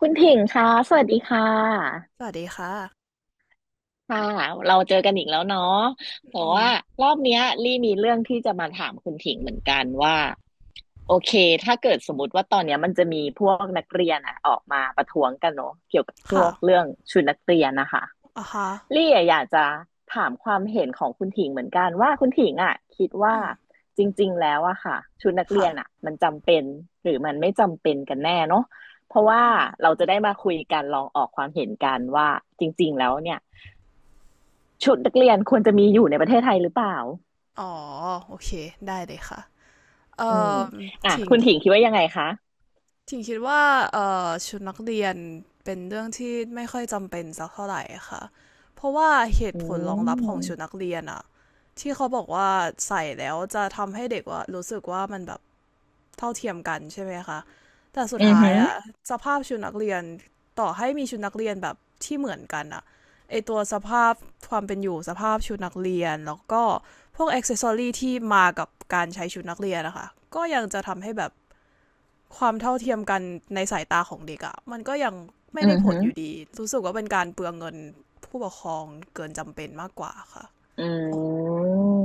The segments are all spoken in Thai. คุณถิงคะสวัสดีค่ะ สวัสดีค่ะค่ะ เราเจอกันอีกแล้วเนาะแต่อืม ว่ารอบเนี้ยลี่มีเรื่องที่จะมาถามคุณถิงเหมือนกันว่าโอเคถ้าเกิดสมมติว่าตอนเนี้ยมันจะมีพวกนักเรียนอะออกมาประท้วงกันเนาะเกี่ยวกับพวค่ะกเรื่องชุดนักเรียนนะคะ อ่าฮะลี่อะอยากจะถามความเห็นของคุณถิงเหมือนกันว่าคุณถิงอ่ะคิดว่าอืมจริงๆแล้วอะค่ะชุดนักเรีค่ะยนอะมันจำเป็นหรือมันไม่จำเป็นกันแน่เนาะเพราะว่าเราจะได้มาคุยกันลองออกความเห็นกันว่าจริงๆแล้วเนี่ยชุดนักเรียนควรจะมีอยู่ในประเทศไทยหรือเปล่าอ๋อโอเค ได้เลยค่ะ เอ่อืมออ่ะถิงคุณถิงคิดว่ายังไงคะคิดว่าชุดนักเรียน เป็นเรื่องที่ไม่ค่อยจำเป็นสักเท่าไหร่ค่ะ เพราะว่าเหอืตุผลรองรับของชุดนัมกเรียนอะที่เขาบอกว่าใส่แล้วจะทำให้เด็กว่ารู้สึกว่ามันแบบ เท่าเทียมกันใช่ไหมคะแต่สุดอือท้าหืยออะสภาพชุดนักเรียนต่อให้มีชุดนักเรียนแบบที่เหมือนกันอะไอตัวสภาพความเป็นอยู่สภาพชุดนักเรียนแล้วก็พวกอ็อกเซสซอรีที่มากับการใช้ชุดนักเรียนนะคะก็ยังจะทำให้แบบความเท่าเทียมกันในสายตาของเด็กอะมันก็ยังไม่อืได้อผหืลออยู่ดีรู้สึกว่าเป็นการเปลืองเงินผู้ปกครองเกินจำเป็นมากกว่าค่ะอื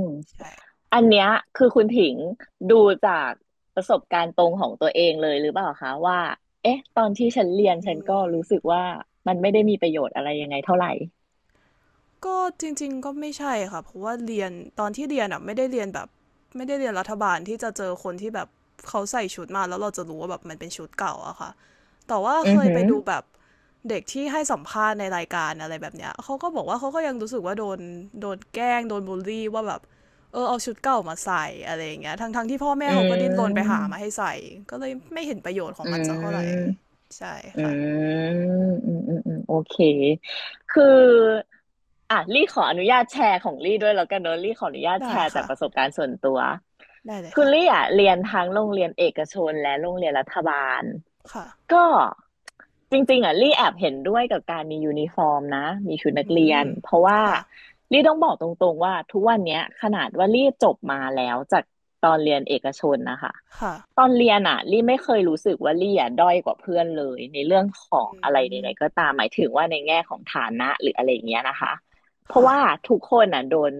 ม ใช่ อันเนี้ยคือคุณถิงดูจากประสบการณ์ตรงของตัวเองเลยหรือเปล่าคะว่าเอ๊ะตอนที่ฉันเรียนฉันก็รู้สึกว่ามันไม่ได้มีประโยชน์อะไรยังไงเท่าไหร่ ก็จริงๆก็ไม่ใช่ค่ะเพราะว่าเรียนตอนที่เรียนอ่ะไม่ได้เรียนแบบไม่ได้เรียนรัฐบาลที่จะเจอคนที่แบบเขาใส่ชุดมาแล้วเราจะรู้ว่าแบบมันเป็นชุดเก่าอะค่ะแต่ว่าอืเคอยหืไปอดูแบบเด็กที่ให้สัมภาษณ์ในรายการอะไรแบบเนี้ยเขาก็บอกว่าเขาก็ยังรู้สึกว่าโดนแกล้งโดนบูลลี่ว่าแบบเออเอาชุดเก่ามาใส่อะไรอย่างเงี้ยทั้งๆที่พ่อแม่อืเขาก็ดิ้นรนไปหามมาให้ใส่ก็เลยไม่เห็นประโยชน์ของอืมันสักม เท่าไหร่ใช่อืค่ะมอืมอืมอืม โอเค คืออ่ะลี่ขออนุญาตแชร์ของลี่ด้วยแล้วกันเนอะลี่ขออนุญาตแชได้ร์จาค่ะกประสบการณ์ส่วนตัวได้เลยคือค่ะลี่อ่ะเรียนทั้งโรงเรียนเอกชนและโรงเรียนรัฐบาลค่ะก็ จริงๆอ่ะลี่แอบเห็นด้วยกับการมียูนิฟอร์มนะมีชุดนักอืเรียมนเพราะว่าค่ะ ลี่ต้องบอกตรงๆว่าทุกวันเนี้ยขนาดว่าลี่จบมาแล้วจากตอนเรียนเอกชนนะคะ ค่ะตอนเรียนอะลี่ไม่เคยรู้สึกว่าลี่อะด้อยกว่าเพื่อนเลยในเรื่องขอืองอะไรใดๆก็มตามหมายถึงว่าในแง่ของฐานะหรืออะไรอย่างเงี้ยนะคะเพราะค่ะว่าทุกคนอะโดน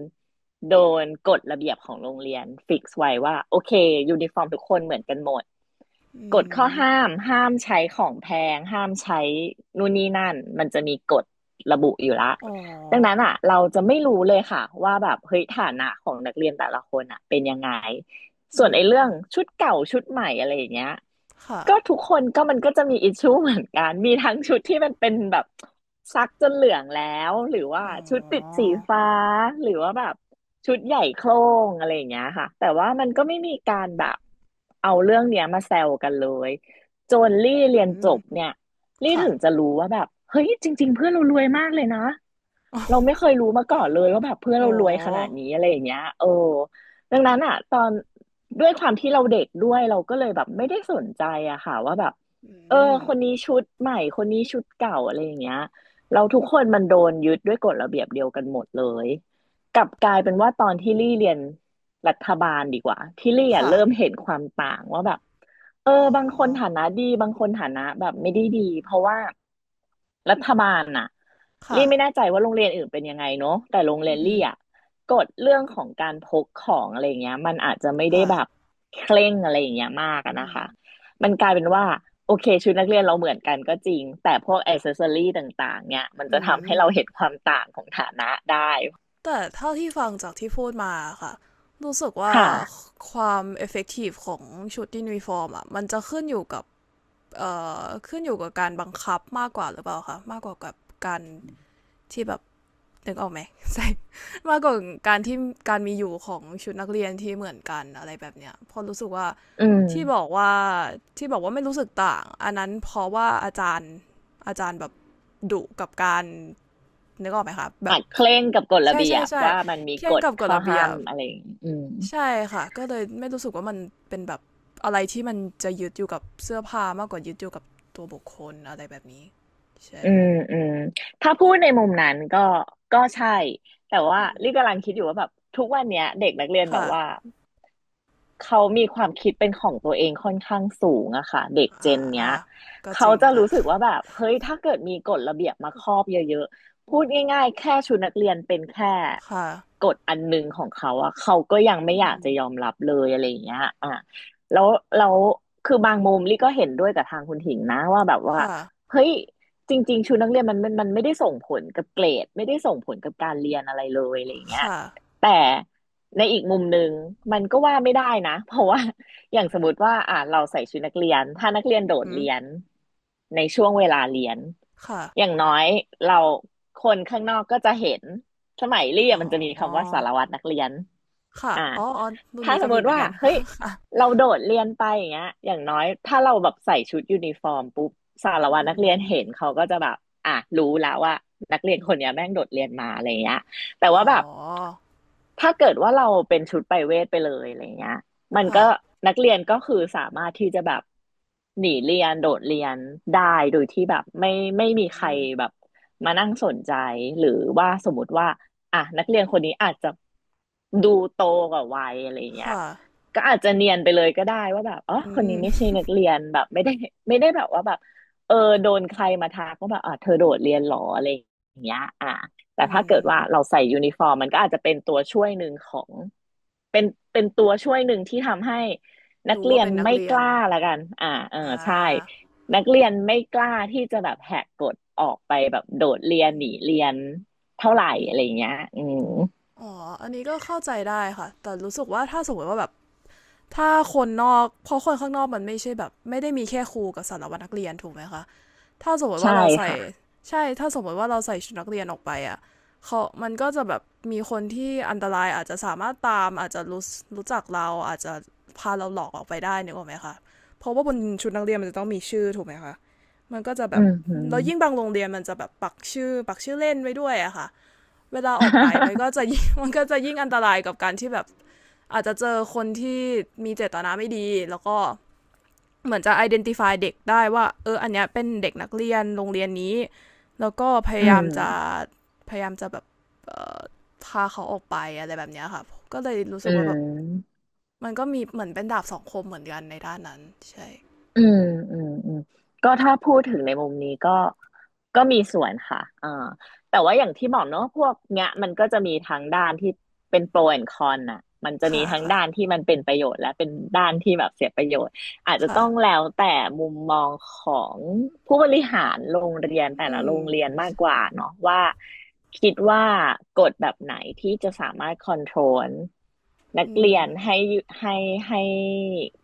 โดนกฎระเบียบของโรงเรียนฟิกซ์ไว้ว่าโอเคยูนิฟอร์มทุกคนเหมือนกันหมดอืกฎข้อมห้ามห้ามใช้ของแพงห้ามใช้นู่นนี่นั่นมันจะมีกฎระบุอยู่ละอ๋อดังนั้นอ่ะเราจะไม่รู้เลยค่ะว่าแบบเฮ้ยฐานะของนักเรียนแต่ละคนอ่ะเป็นยังไง ส่อืวนไอ้เรื่องมชุดเก่าชุดใหม่อะไรอย่างเงี้ยค่ะก็ทุกคนก็มันก็จะมีอิชชูเหมือนกันมีทั้งชุดที่มันเป็นแบบซักจนเหลืองแล้วหรือว่าอ๋อชุดติดสีฟ้าหรือว่าแบบชุดใหญ่โคร่งอะไรอย่างเงี้ยค่ะแต่ว่ามันก็ไม่มีการแบบเอาเรื่องเนี้ยมาแซวกันเลยจนลี่เรียนอืจมบเนี่ยลี่ค่ะ ถึงจะรู้ว่าแบบเฮ้ยจริงๆเพื่อนเรารวยมากเลยนะ เราไม่เค ยรู้มาก่อนเลยว่าแบบเพื่อนอ๋อเรารวยขนาดนี้อะไรอย่างเงี้ยเออดังนั้นอ่ะตอนด้วยความที่เราเด็กด้วยเราก็เลยแบบไม่ได้สนใจอะค่ะว่าแบบอืเออมคนนี้ชุดใหม่คนนี้ชุดเก่าอะไรอย่างเงี้ยเราทุกคนมันโดนยึดด้วยกฎระเบียบเดียวกันหมดเลยกลับกลายเป็นว่าตอนที่ลี่เรียนรัฐบาลดีกว่าที่ลี่อะค่ะเริ่มเห็นความต่างว่าแบบ เออ๋ออบางคนฐานะดีบางคนฐานะแบบไม่ได้ดีเพราะว่ารัฐบาลน่ะค่ะลี่ไม่แน่ใจว่าโรงเรียนอื่นเป็นยังไงเนาะแต่โรงเรีอืยนมลี่อ่ะกฎเรื่องของการพกของอะไรเงี้ยมันอาจจะไม่ได้ค่ะแบบเคร่งอะไรอย่างเงี้ยมากอะอืนะมคะมันกลายเป็นว่าโอเคชุดนักเรียนเราเหมือนกันก็จริงแต่พวกอ c เซสซอรี่ต่างๆเนี่ยมันอืจะทำให้มเราเห็นความต่างของฐานะได้แต่เท่าที่ฟังจากที่พูดมาค่ะรู้สึกว่าค่ะความ effective ของชุดยูนิฟอร์มอ่ะมันจะขึ้นอยู่กับเอ่ขึ้นอยู่กับการบังคับมากกว่าหรือเปล่าคะมากกว่ากับการที่แบบ นึกออกไหม ใส่มากกว่าการที่การมีอยู่ของชุดนักเรียนที่เหมือนกันอะไรแบบเนี้ยเพอรู้สึกว่าอืมที่บอกว่าไม่รู้สึกต่างอันนั้นเพราะว่าอาจารย์แบบดุกับการนึกออกไหมคะแบบอาจเคร่งกับกฎระใช่เบียใช่บใช่ว่ามันมีเคร่กงฎกับกฎข้อระเบีห้ายมบอะไรอย่างงี้อืม ใช่ค่ะก็เลยไม่รู้สึกว่ามันเป็นแบบอะไรที่มันจะยึดอยู่กับเสื้อผ้ามากกว่ายึดอยู่กับตัวบุคคลอะไรแบบนี้ใช่อืมอืมถ้าพูดในมุมนั้นก็ก็ใช่แต่ว่าลี่กำลังคิดอยู่ว่าแบบทุกวันเนี้ยเด็กนักเรียนแบบค่ะว่า เขามีความคิดเป็นของตัวเองค่อนข้างสูงอะค่ะเด็กเจอ่านเนี้อ่ายก็จเขาริงจะค่ะรู้สึกว่าแบบเฮ้ยถ้าเกิดมีกฎระเบียบมาครอบเยอะๆพูดง่ายๆแค่ชุดนักเรียนเป็นแค่ค่ะ กฎอันหนึงของเขาอะเขาก็ยังไม่อือยากมจะยอมรับเลยอะไรอย่างเงี้ยอ่ะแล้วแล้วคือบางมุมลี่ก็เห็นด้วยกับทางคุณถิงนะว่าแบบว่าค่ะ เฮ้ยจริงๆชุดนักเรียนมันไม่ได้ส่งผลกับเกรดไม่ได้ส่งผลกับการเรียนอะไรเลยอะไรอย่างเงี้ยค่ะ แต่ ในอีกมุมหนึ่งมันก็ว่าไม่ได้นะ เพราะว่า อย่างสมมติว่าเราใส่ชุดนักเรียนถ้านักเรียนอืโดอดหือเรียนในช่วงเวลาเรียนค่ะอย่างน้อยเราคนข้างนอกก็จะเห็นสมัยเรีอยนมันจะมี๋อคำว่าสารวัตรนักเรียนค่ะ อ่าอ๋ออ๋อรุ่นถ้านี้สก็มมมีเหติมือนว่ากัน เฮ้ย ค่ะเราโดดเรียนไปอย่างเงี้ยอย่างน้อยถ้าเราแบบใส่ชุดยูนิฟอร์มปุ๊บสารอืวัตรนักมเรียนเห็นเขาก็จะแบบอ่ะรู้แล้วว่านักเรียนคนเนี้ยแม่งโดดเรียนมาอะไรเงี้ย แต่อ๋อ ว่าแบบถ้าเกิดว่าเราเป็นชุดไปเวทไปเลยอะไรเงี้ยมันค่ะก็นักเรียนก็คือสามารถที่จะแบบหนีเรียนโดดเรียนได้โดยที่แบบไม่มีอืใครมแบบมานั่งสนใจหรือว่าสมมติว่าอ่ะนักเรียนคนนี้อาจจะดูโตกว่าวัยอะไรเงี้ยค่ะก็อาจจะเนียนไปเลยก็ได้ว่าแบบอ๋ออืคนนี้ไม่ใช่มนักเรียนแบบไม่ได้แบบว่าแบบเออโดนใครมาทักว่าแบบอ่ะเธอโดดเรียนหรออะไรอย่างเงี้ยอ่ะ แต่อืถ้าเกิดว่าเราม ใส่ยูนิฟอร์มมันก็อาจจะเป็นตัวช่วยหนึ่งของเป็นเป็นตัวช่วยหนึ่งที่ทำให้นักรู้เรีว่ายนเป็นนักไม่เรีกยนล้าละกันเอออ่าใช่นักเรียนไม่กล้าที่จะแบบแหกกฎออกไปแบบโดดเรียนหอืนีมเรียนเท่าไหร่อือะมไรอย่างเงี้ยอืมอ๋อ อันนี้ก็เข้าใจได้ค่ะ แต่รู้สึกว่าถ้าสมมติว่าแบบถ้าคนนอกเพราะคนข้างนอกมันไม่ใช่แบบไม่ได้มีแค่ครูกับสารวัตรนักเรียนถูกไหมคะ ถ้าสมมติใช่ว่าเราใส่ค่ะใช่ถ้าสมมติว่าเราใส่ชุดนักเรียนออกไปอ่ะเขามันก็จะแบบมีคนที่อันตรายอาจจะสามารถตามอาจจะรู้จักเราอาจจะพาเราหลอกออกไปได้นึกออกไหมคะเพราะว่าบนชุดนักเรียนมันจะต้องมีชื่อถูกไหมคะมันก็จะแบอืบมหึ มแล้วยิ่งบางโรงเรียนมันจะแบบปักชื่อเล่นไว้ด้วยอะค่ะเวลาออกไปมันก็จะยิ่ง มันก็จะยิ่งอันตรายกับการที่แบบอาจจะเจอคนที่มีเจตนาไม่ดีแล้วก็ เหมือนจะ identify เด็กได้ว่าเอออันเนี้ยเป็นเด็กนักเรียนโรงเรียนนี้แล้วก็พอืยายามจะมแบบพาเขาออกไปอะไรแบบเนี้ยค่ะก็เลยรู้อืสึกว่าแบบม มันก็มีเหมือนเป็นดาบสองคมเหมือนกันในด้านนั้นใช่อืมอืมอืมก็ถ้าพูดถึงในมุมนี้ก็ก็มีส่วนค่ะแต่ว่าอย่างที่บอกเนอะพวกเนี้ยมันก็จะมีทั้งด้านที่เป็นโปรแอนคอนน่ะมันจะมีค่ะทั้งค่ะด้านที่มันเป็นประโยชน์และเป็นด้านที่แบบเสียประโยชน์ อาจจะค่ะต้องแล้วแต่มุมมองของผู้บริหารโรงเรียนแต่ละอืมโรงเรียนมากกว่าเนาะว่าคิดว่ากฎแบบไหนที่จะสามารถคอนโทรลนักอืเรีมยนให้ให้ให้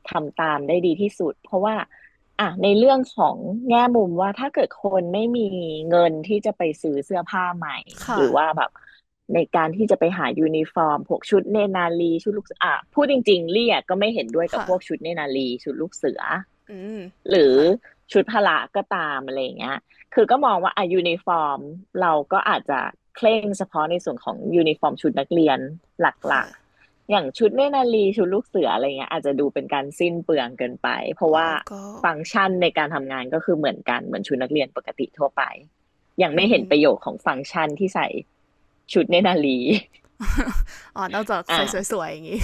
ทำตามได้ดีที่สุดเพราะว่า อ่ะในเรื่องของแง่มุมว่าถ้าเกิดคนไม่มีเงินที่จะไปซื้อเสื้อผ้าใหม่หค่ะรือว่าแบบในการที่จะไปหายูนิฟอร์มพวกชุดเนตรนารีชุดลูกเสืออ่ะพูดจริงๆเรียกก็ไม่เห็นด้วยกับค่ะพวกชุดเนตรนารีชุดลูกเสือ อืมหรือค่ะชุดพละก็ตามอะไรอย่างเงี้ยคือก็มองว่าอ่ะยูนิฟอร์มเราก็อาจจะเคร่งเฉพาะในส่วนของยูนิฟอร์มชุดนักเรียนหลักค่ะๆอย่างชุดเนตรนารีชุดลูกเสืออะไรเงี้ยอาจจะดูเป็นการสิ้นเปลืองเกินไปเพราะอ๋อว่าก็ฟังก์ชันในการทำงานก็คือเหมือนกันเหมือนชุดนักเรียนปกติทั่วไปยังอืไม่เห็มนประโยชน์ของฟังก์ชันที่ใส่ชุดเนตรนารี อ๋อนอกจากอ่า ใส่สวยๆอย่างงี้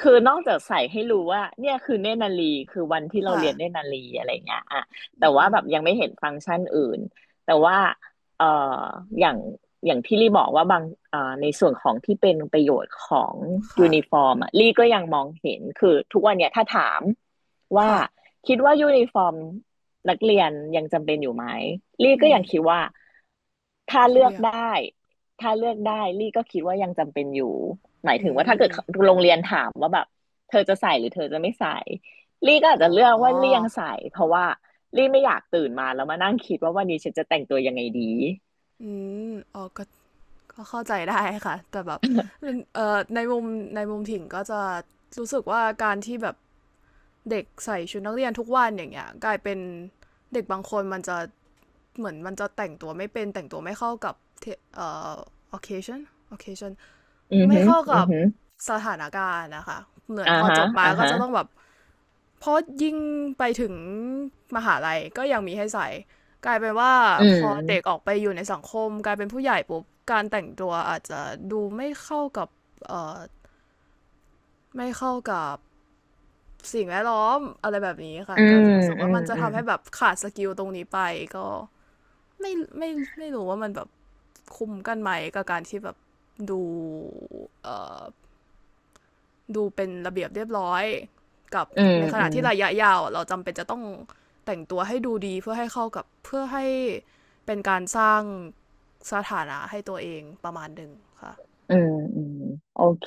คือนอกจากใส่ให้รู้ว่าเนี่ยคือเนตรนารีคือวันที่เราค่ะเรียนเนตรนารีอะไรเงี้ยอะอืแต่ว่ามแบบยังไม่เห็นฟังก์ชันอื่นแต่ว่าเอ่ออย่างอย่างที่ลี่บอกว่าบางในส่วนของที่เป็นประโยชน์ของค่ะยูนิฟอร์มอะลี่ก็ยังมองเห็นคือทุกวันเนี่ยถ้าถามว่าค่ะคิดว่ายูนิฟอร์มนักเรียนยังจำเป็นอยู่ไหมลี่อืก็มยังคิดว่า ถ้าก็คิดเลืไปอกอย่างได้ถ้าเลือกได้ลี่ก็คิดว่ายังจำเป็นอยู่หมายอืถึงว่าถ้าเกิม ดโรงเรียนถามว่าแบบเธอจะใส่หรือเธอจะไม่ใส่ลี่ก็อาจอ๋จะเลือกอว่าลี่ยังใส่เพราะว่าลี่ไม่อยากตื่นมาแล้วมานั่งคิดว่าวันนี้ฉันจะแต่งตัวยังไงดีอืมอ๋อก็ก็เข้าใจได้ค่ะแต่แบบในมุมถิ่งก็จะรู้สึกว่าการที่แบบเด็กใส่ชุดนักเรียนทุกวันอย่างเงี้ยกลายเป็นเด็กบางคนมันจะเหมือนมันจะแต่งตัวไม่เป็นแต่งตัวไม่เข้ากับเทเอ่อ occasion occasion อือไม่หึเข้าอืกัอบหึอสถานการณ์นะคะเหมือนอ่าพอฮะจบมาอ่าก็ฮะจะต้องแบบ เพราะยิ่งไปถึงมหาลัยก็ยังมีให้ใส่กลายเป็นว่าอืพอเด็กอมอกไปอยู่ในสังคมกลายเป็นผู้ใหญ่ปุ๊บการแต่งตัวอาจจะดูไม่เข้ากับเอ่อไม่เข้ากับสิ่งแวดล้อมอะไรแบบนี้ค่ะอืก็มรู้สึกอืว่ามมันจะอืมทำให้แบบขาดสกิลตรงนี้ไปก็ไม่ไม่ไม่รู้ว่ามันแบบคุ้มกันไหมกับการที่แบบดูเอ่อ ดูเป็นระเบียบเรียบร้อยกับอืมในขอืณะม ที่ระยะยาวเราจำเป็นจะต้องแต่งตัวให้ดูดีเพื่อให้เข้ากับเพื่อให้เป็นการสร้างสถานะให้ตัวเองประมาณหนึ่งค่ะอืมอืมโอเค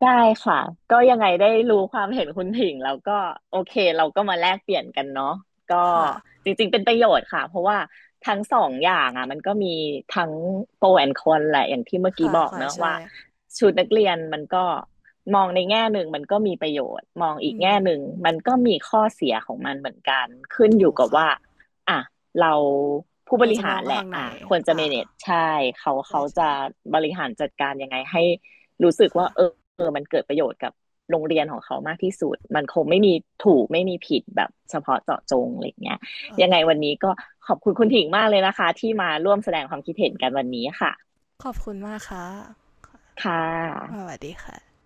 ได้ค่ะก็ยังไงได้รู้ความเห็นคุณถิงแล้วก็โอเคเราก็มาแลกเปลี่ยนกันเนาะก็ค่ะจริงๆเป็นประโยชน์ค่ะเพราะว่าทั้งสองอย่างอ่ะมันก็มีทั้งโปรแอนคอนแหละอย่างที่เมื่อกี้ค่ะบอกค่ะเนอะใช่ว่าชุดนักเรียนมันก็มองในแง่หนึ่งมันก็มีประโยชน์มองอีกอืแง่มหนึ่งมันก็มีข้อเสียของมันเหมือนกันขึ้นอถูยู่กกับค่ะว่าอ่ะ เราผู้บเราริจะมหาองรกระแหทาละงไหนอ่ะควรจะ อ่า manage ใช่เขาใช่เขาใช่จะบริหารจัดการยังไงให้รู้สึกค่ะว่าเออเออมันเกิดประโยชน์กับโรงเรียนของเขามากที่สุดมันคงไม่มีถูกไม่มีผิดแบบเฉพาะเจาะจงอะไรยเงี้ยโอยังเคไงวันนี้ก็ขอบคุณคุณถิ่งมากเลยนะคะที่มาร่วมแสดงความคิดเห็นกันวันนี้ค่ะขอบคุณมากค่ะค่สะวัสดีค่ะ